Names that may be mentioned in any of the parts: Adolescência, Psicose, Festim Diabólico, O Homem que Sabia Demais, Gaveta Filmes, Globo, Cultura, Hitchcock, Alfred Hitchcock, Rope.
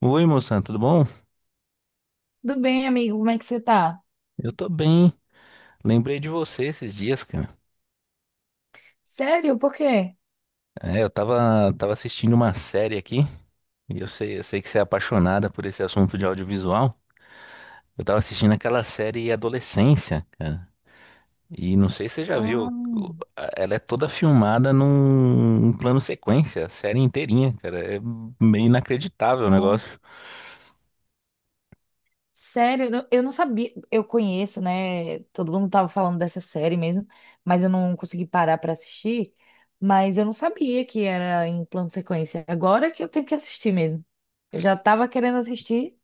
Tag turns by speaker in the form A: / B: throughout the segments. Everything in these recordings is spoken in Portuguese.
A: Oi, moção, tudo bom?
B: Tudo bem, amigo? Como é que você tá?
A: Eu tô bem. Lembrei de você esses dias, cara.
B: Sério? Por quê?
A: É, eu tava assistindo uma série aqui, e eu sei que você é apaixonada por esse assunto de audiovisual. Eu tava assistindo aquela série Adolescência, cara. E não sei se você já
B: Ah,
A: viu, ela é toda filmada num plano sequência, a série inteirinha, cara. É meio inacreditável o
B: nossa.
A: negócio.
B: Sério? Eu não sabia. Eu conheço, né? Todo mundo tava falando dessa série mesmo, mas eu não consegui parar pra assistir. Mas eu não sabia que era em plano sequência. Agora que eu tenho que assistir mesmo. Eu já tava querendo assistir.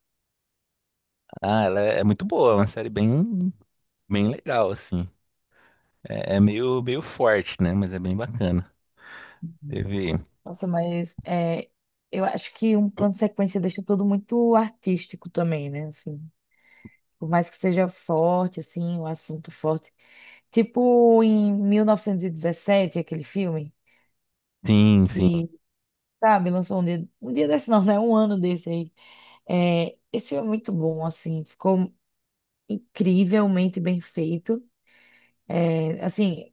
A: Ah, ela é muito boa, é uma série bem legal, assim. É, é meio forte, né? Mas é bem bacana. Teve.
B: Nossa, mas é, eu acho que um plano sequência deixa tudo muito artístico também, né? Assim. Por mais que seja forte, assim, um assunto forte. Tipo em 1917 aquele filme
A: Sim, sim.
B: que, sabe, lançou um dia desse não, né? Um ano desse aí. É, esse filme é muito bom, assim, ficou incrivelmente bem feito. É, assim,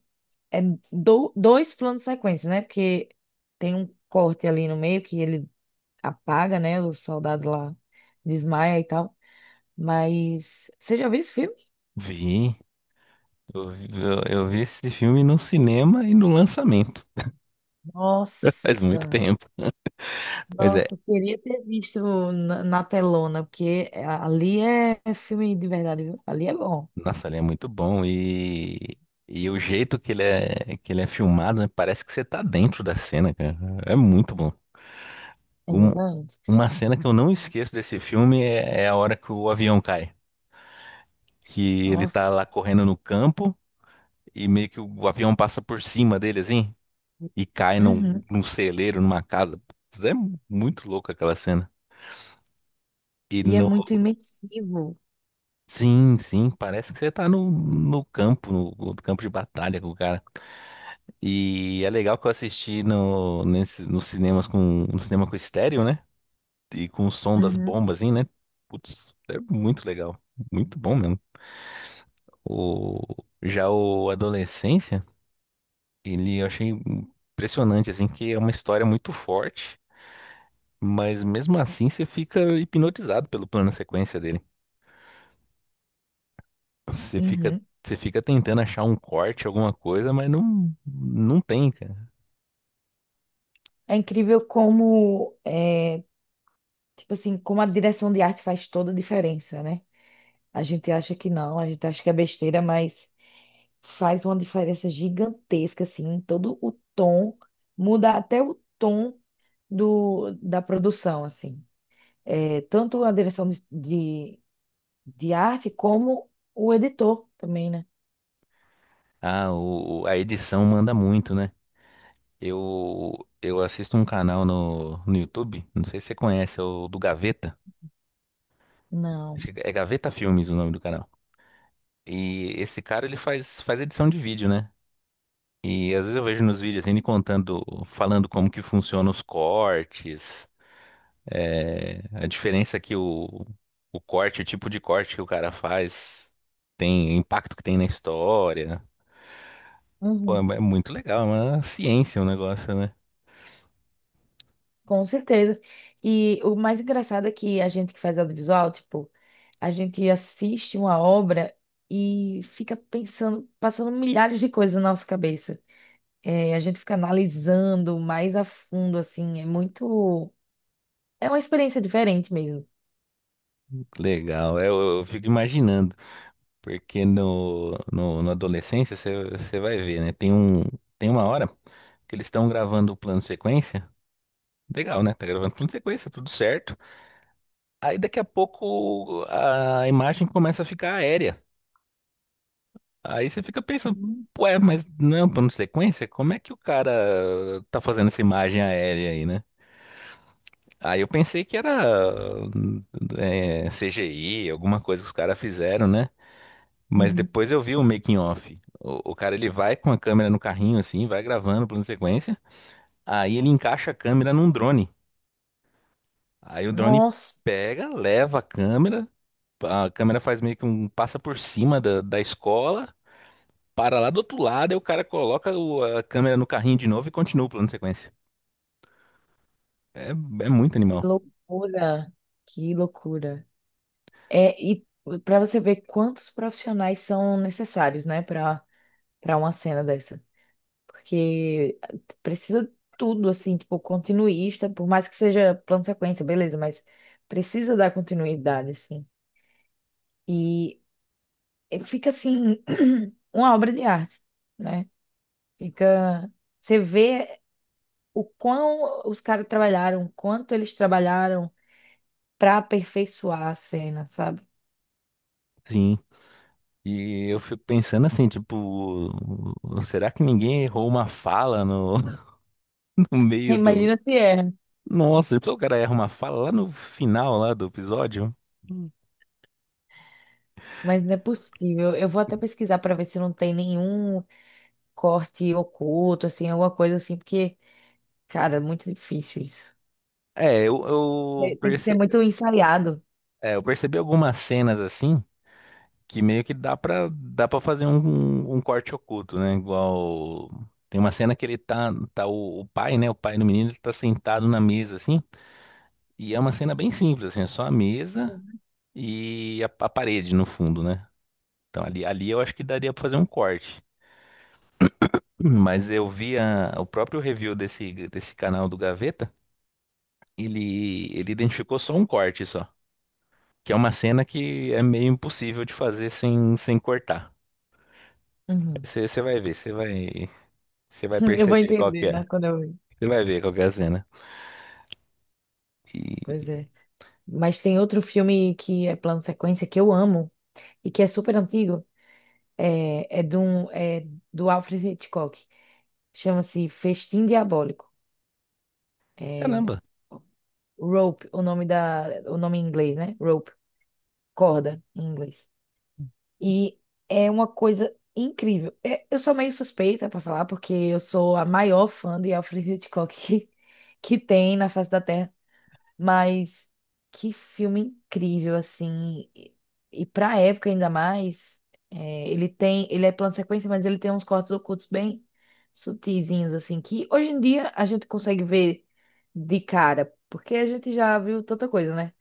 B: é dois planos de sequência, né? Porque tem um corte ali no meio que ele apaga, né? O soldado lá desmaia e tal. Mas você já viu esse filme?
A: Vi. Eu vi esse filme no cinema e no lançamento. Faz muito
B: Nossa!
A: tempo. Mas é,
B: Nossa, eu queria ter visto na telona, porque ali é filme de verdade, viu? Ali é bom,
A: nossa, ele é muito bom e o jeito que ele é filmado, né, parece que você tá dentro da cena, cara. É muito bom. Um-
B: exatamente.
A: uma cena que eu não esqueço desse filme é, é a hora que o avião cai. Que ele tá lá
B: Nossa,
A: correndo no campo e meio que avião passa por cima dele, assim, e cai
B: uhum.
A: num celeiro, numa casa. Putz, é muito louco aquela cena. E
B: E é
A: no,
B: muito imersivo.
A: Sim, sim, parece que você tá no campo, no campo de batalha com o cara. E é legal que eu assisti no, nesse, nos cinemas no cinema com estéreo, né? E com o som das
B: Uhum,
A: bombas, assim, né? Putz, é muito legal. Muito bom mesmo. O, já o Adolescência, ele eu achei impressionante, assim, que é uma história muito forte, mas mesmo assim você fica hipnotizado pelo plano sequência dele. Você fica,
B: uhum.
A: você fica tentando achar um corte, alguma coisa, mas não, não tem, cara.
B: É incrível como, é, tipo assim, como a direção de arte faz toda a diferença, né? A gente acha que não, a gente acha que é besteira, mas faz uma diferença gigantesca, assim, em todo o tom, muda até o tom da produção, assim. É, tanto a direção de arte como o editor também, né?
A: Ah, a edição manda muito, né? Eu assisto um canal no YouTube, não sei se você conhece, é o do Gaveta.
B: Não.
A: Acho que é Gaveta Filmes o nome do canal. E esse cara, ele faz edição de vídeo, né? E às vezes eu vejo nos vídeos assim, ele contando, falando como que funcionam os cortes. É, a diferença é que o corte, o tipo de corte que o cara faz, tem o impacto que tem na história. Pô, é
B: Uhum.
A: muito legal, é uma ciência o negócio, né?
B: Com certeza. E o mais engraçado é que a gente que faz audiovisual, tipo, a gente assiste uma obra e fica pensando, passando milhares de coisas na nossa cabeça. É, a gente fica analisando mais a fundo, assim, é muito. É uma experiência diferente mesmo.
A: Legal, é, eu fico imaginando, porque no, no, na adolescência você vai ver, né? Tem um, tem uma hora que eles estão gravando o plano sequência. Legal, né? Tá gravando plano sequência, tudo certo. Aí daqui a pouco a imagem começa a ficar aérea. Aí você fica pensando,
B: Uhum.
A: ué, mas não é um plano de sequência? Como é que o cara tá fazendo essa imagem aérea aí, né? Aí eu pensei que era CGI, alguma coisa que os caras fizeram, né? Mas
B: Uhum.
A: depois eu vi o making off. O cara ele vai com a câmera no carrinho assim, vai gravando o plano de sequência. Aí ele encaixa a câmera num drone. Aí o drone
B: Nossa,
A: pega, leva a câmera faz meio que um passa por cima da escola. Para lá do outro lado, aí o cara coloca a câmera no carrinho de novo e continua o plano de sequência. É, é muito
B: que
A: animal.
B: loucura! Que loucura! É, e para você ver quantos profissionais são necessários, né, para uma cena dessa. Porque eh, precisa tudo, assim, tipo, continuista, por mais que seja plano sequência, beleza, mas precisa dar continuidade, assim. E eh, fica, assim, uma obra de arte, né? Fica. Você vê o quão os caras trabalharam, quanto eles trabalharam para aperfeiçoar a cena, sabe?
A: Sim. E eu fico pensando assim, tipo, será que ninguém errou uma fala no, no meio do.
B: Imagina se é.
A: Nossa, depois o cara erra uma fala lá no final lá do episódio.
B: Mas não é possível. Eu vou até pesquisar para ver se não tem nenhum corte oculto, assim, alguma coisa assim, porque, cara, é muito difícil isso.
A: É,
B: Tem que ser muito ensaiado.
A: é, eu percebi algumas cenas assim, que meio que dá pra fazer um, um corte oculto, né? Igual. Tem uma cena que ele o pai, né? O pai do menino, ele tá sentado na mesa, assim. E é uma cena bem simples, assim, é só a mesa e a parede no fundo, né? Então ali eu acho que daria pra fazer um corte. Mas eu vi o próprio review desse canal do Gaveta. Ele identificou só um corte só. Que é uma cena que é meio impossível de fazer sem, sem cortar.
B: Uhum.
A: Você vai ver, você vai. Você vai
B: Eu vou
A: perceber qual que
B: entender,
A: é.
B: né, quando eu... ver.
A: Você vai ver qual que é a cena. E
B: Pois é. Mas tem outro filme que é plano sequência que eu amo e que é super antigo. É do Alfred Hitchcock. Chama-se Festim Diabólico. É,
A: caramba,
B: Rope, o nome o nome em inglês, né? Rope, corda em inglês. E é uma coisa incrível. É, eu sou meio suspeita para falar, porque eu sou a maior fã de Alfred Hitchcock que, que tem na face da Terra. Mas que filme incrível, assim. E pra época ainda mais, é, ele tem. Ele é plano sequência, mas ele tem uns cortes ocultos bem sutizinhos, assim, que hoje em dia a gente consegue ver de cara, porque a gente já viu tanta coisa, né?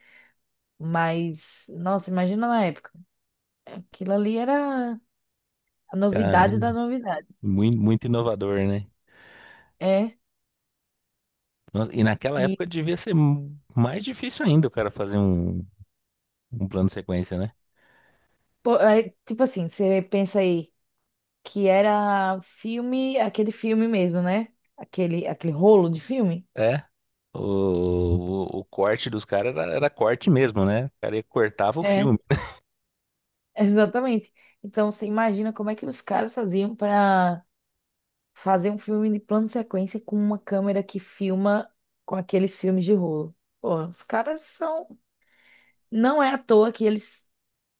B: Mas, nossa, imagina na época. Aquilo ali era. A novidade da
A: caramba,
B: novidade.
A: muito, muito inovador, né?
B: É.
A: Nossa, e naquela
B: E,
A: época devia ser mais difícil ainda o cara fazer um plano de sequência, né?
B: pô, é, tipo assim, você pensa aí que era filme, aquele filme mesmo, né? Aquele rolo de filme.
A: É, o corte dos caras era corte mesmo, né? O cara cortava o
B: É,
A: filme.
B: exatamente. Então você imagina como é que os caras faziam para fazer um filme de plano sequência com uma câmera que filma com aqueles filmes de rolo. Pô, os caras são. Não é à toa que eles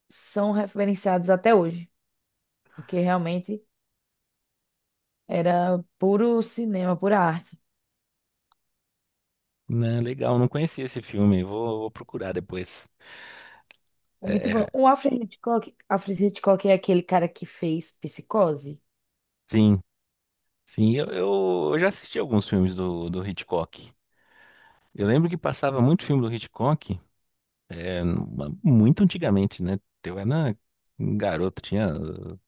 B: são referenciados até hoje. Porque realmente era puro cinema, pura arte.
A: Né, legal, não conhecia esse filme, vou, vou procurar depois.
B: É
A: É,
B: muito bom.
A: é,
B: O Alfred Hitchcock, Alfred Hitchcock é aquele cara que fez Psicose.
A: sim, sim, eu já assisti alguns filmes do Hitchcock. Eu lembro que passava muito filme do Hitchcock, é, muito antigamente, né? Eu era um garoto, tinha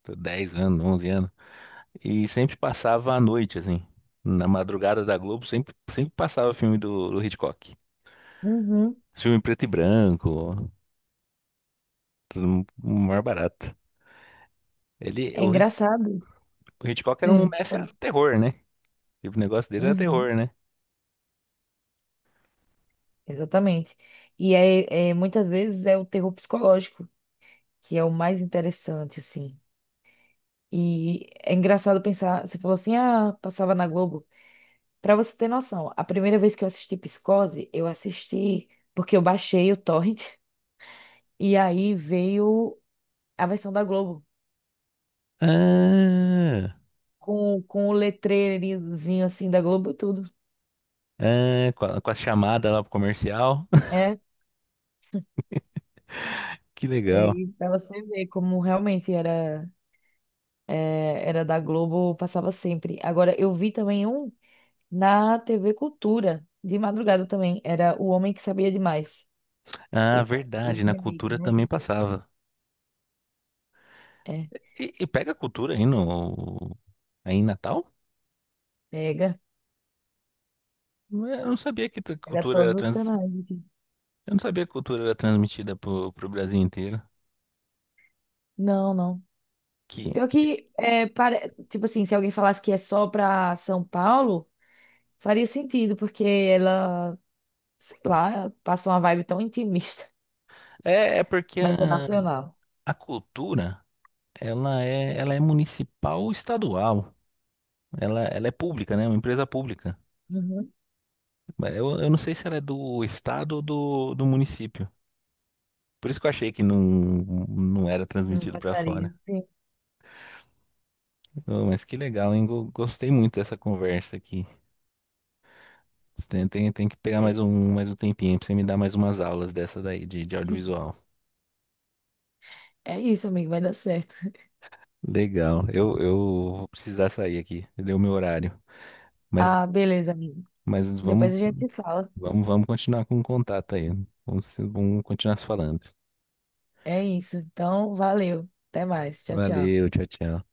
A: 10 anos, 11 anos, e sempre passava à noite, assim. Na madrugada da Globo, sempre, sempre passava filme do Hitchcock.
B: Uhum.
A: Filme em preto e branco, tudo mais barato. Ele,
B: É
A: o, Hit-
B: engraçado.
A: o Hitchcock era um mestre
B: Claro.
A: do terror, né? E o negócio dele era
B: Uhum,
A: terror, né?
B: exatamente. E é, é, muitas vezes é o terror psicológico que é o mais interessante, assim. E é engraçado pensar, você falou assim, ah, passava na Globo. Pra você ter noção, a primeira vez que eu assisti Psicose, eu assisti porque eu baixei o torrent e aí veio a versão da Globo
A: Ah,
B: com o letreirinhozinho assim da Globo e tudo.
A: ah, com a chamada lá pro comercial.
B: É,
A: Que legal.
B: aí pra você ver como realmente era, é, era da Globo, passava sempre. Agora, eu vi também um na TV Cultura, de madrugada também, era O Homem que Sabia Demais.
A: Ah,
B: O
A: verdade, na
B: remake,
A: cultura
B: né?
A: também passava.
B: É,
A: E pega cultura aí aí em Natal?
B: pega,
A: Não eu não sabia que
B: pega
A: cultura era
B: todos os
A: trans,
B: canais aqui.
A: eu não sabia que cultura era transmitida pro, pro Brasil inteiro.
B: Não, não.
A: Que
B: Pior que, é, tipo assim, se alguém falasse que é só pra São Paulo, faria sentido, porque ela, sei lá, passa uma vibe tão intimista,
A: é, é porque
B: mas é nacional.
A: a cultura ela é municipal ou estadual. Ela é pública, né? É uma empresa pública.
B: Uhum.
A: Mas eu não sei se ela é do estado ou do município. Por isso que eu achei que não, não era
B: Não
A: transmitido para
B: passaria.
A: fora.
B: Sim.
A: Oh, mas que legal, hein? Gostei muito dessa conversa aqui. Tem que pegar mais
B: Foi.
A: mais um tempinho pra você me dar mais umas aulas dessa daí de audiovisual.
B: É isso, amigo, vai dar certo.
A: Legal. Eu vou precisar sair aqui. Deu meu horário. Mas,
B: Ah, beleza, amigo.
A: mas
B: Depois
A: vamos,
B: a gente se fala.
A: vamos continuar com o contato aí. Vamos continuar se falando.
B: É isso. Então, valeu. Até mais. Tchau, tchau.
A: Valeu, tchau, tchau.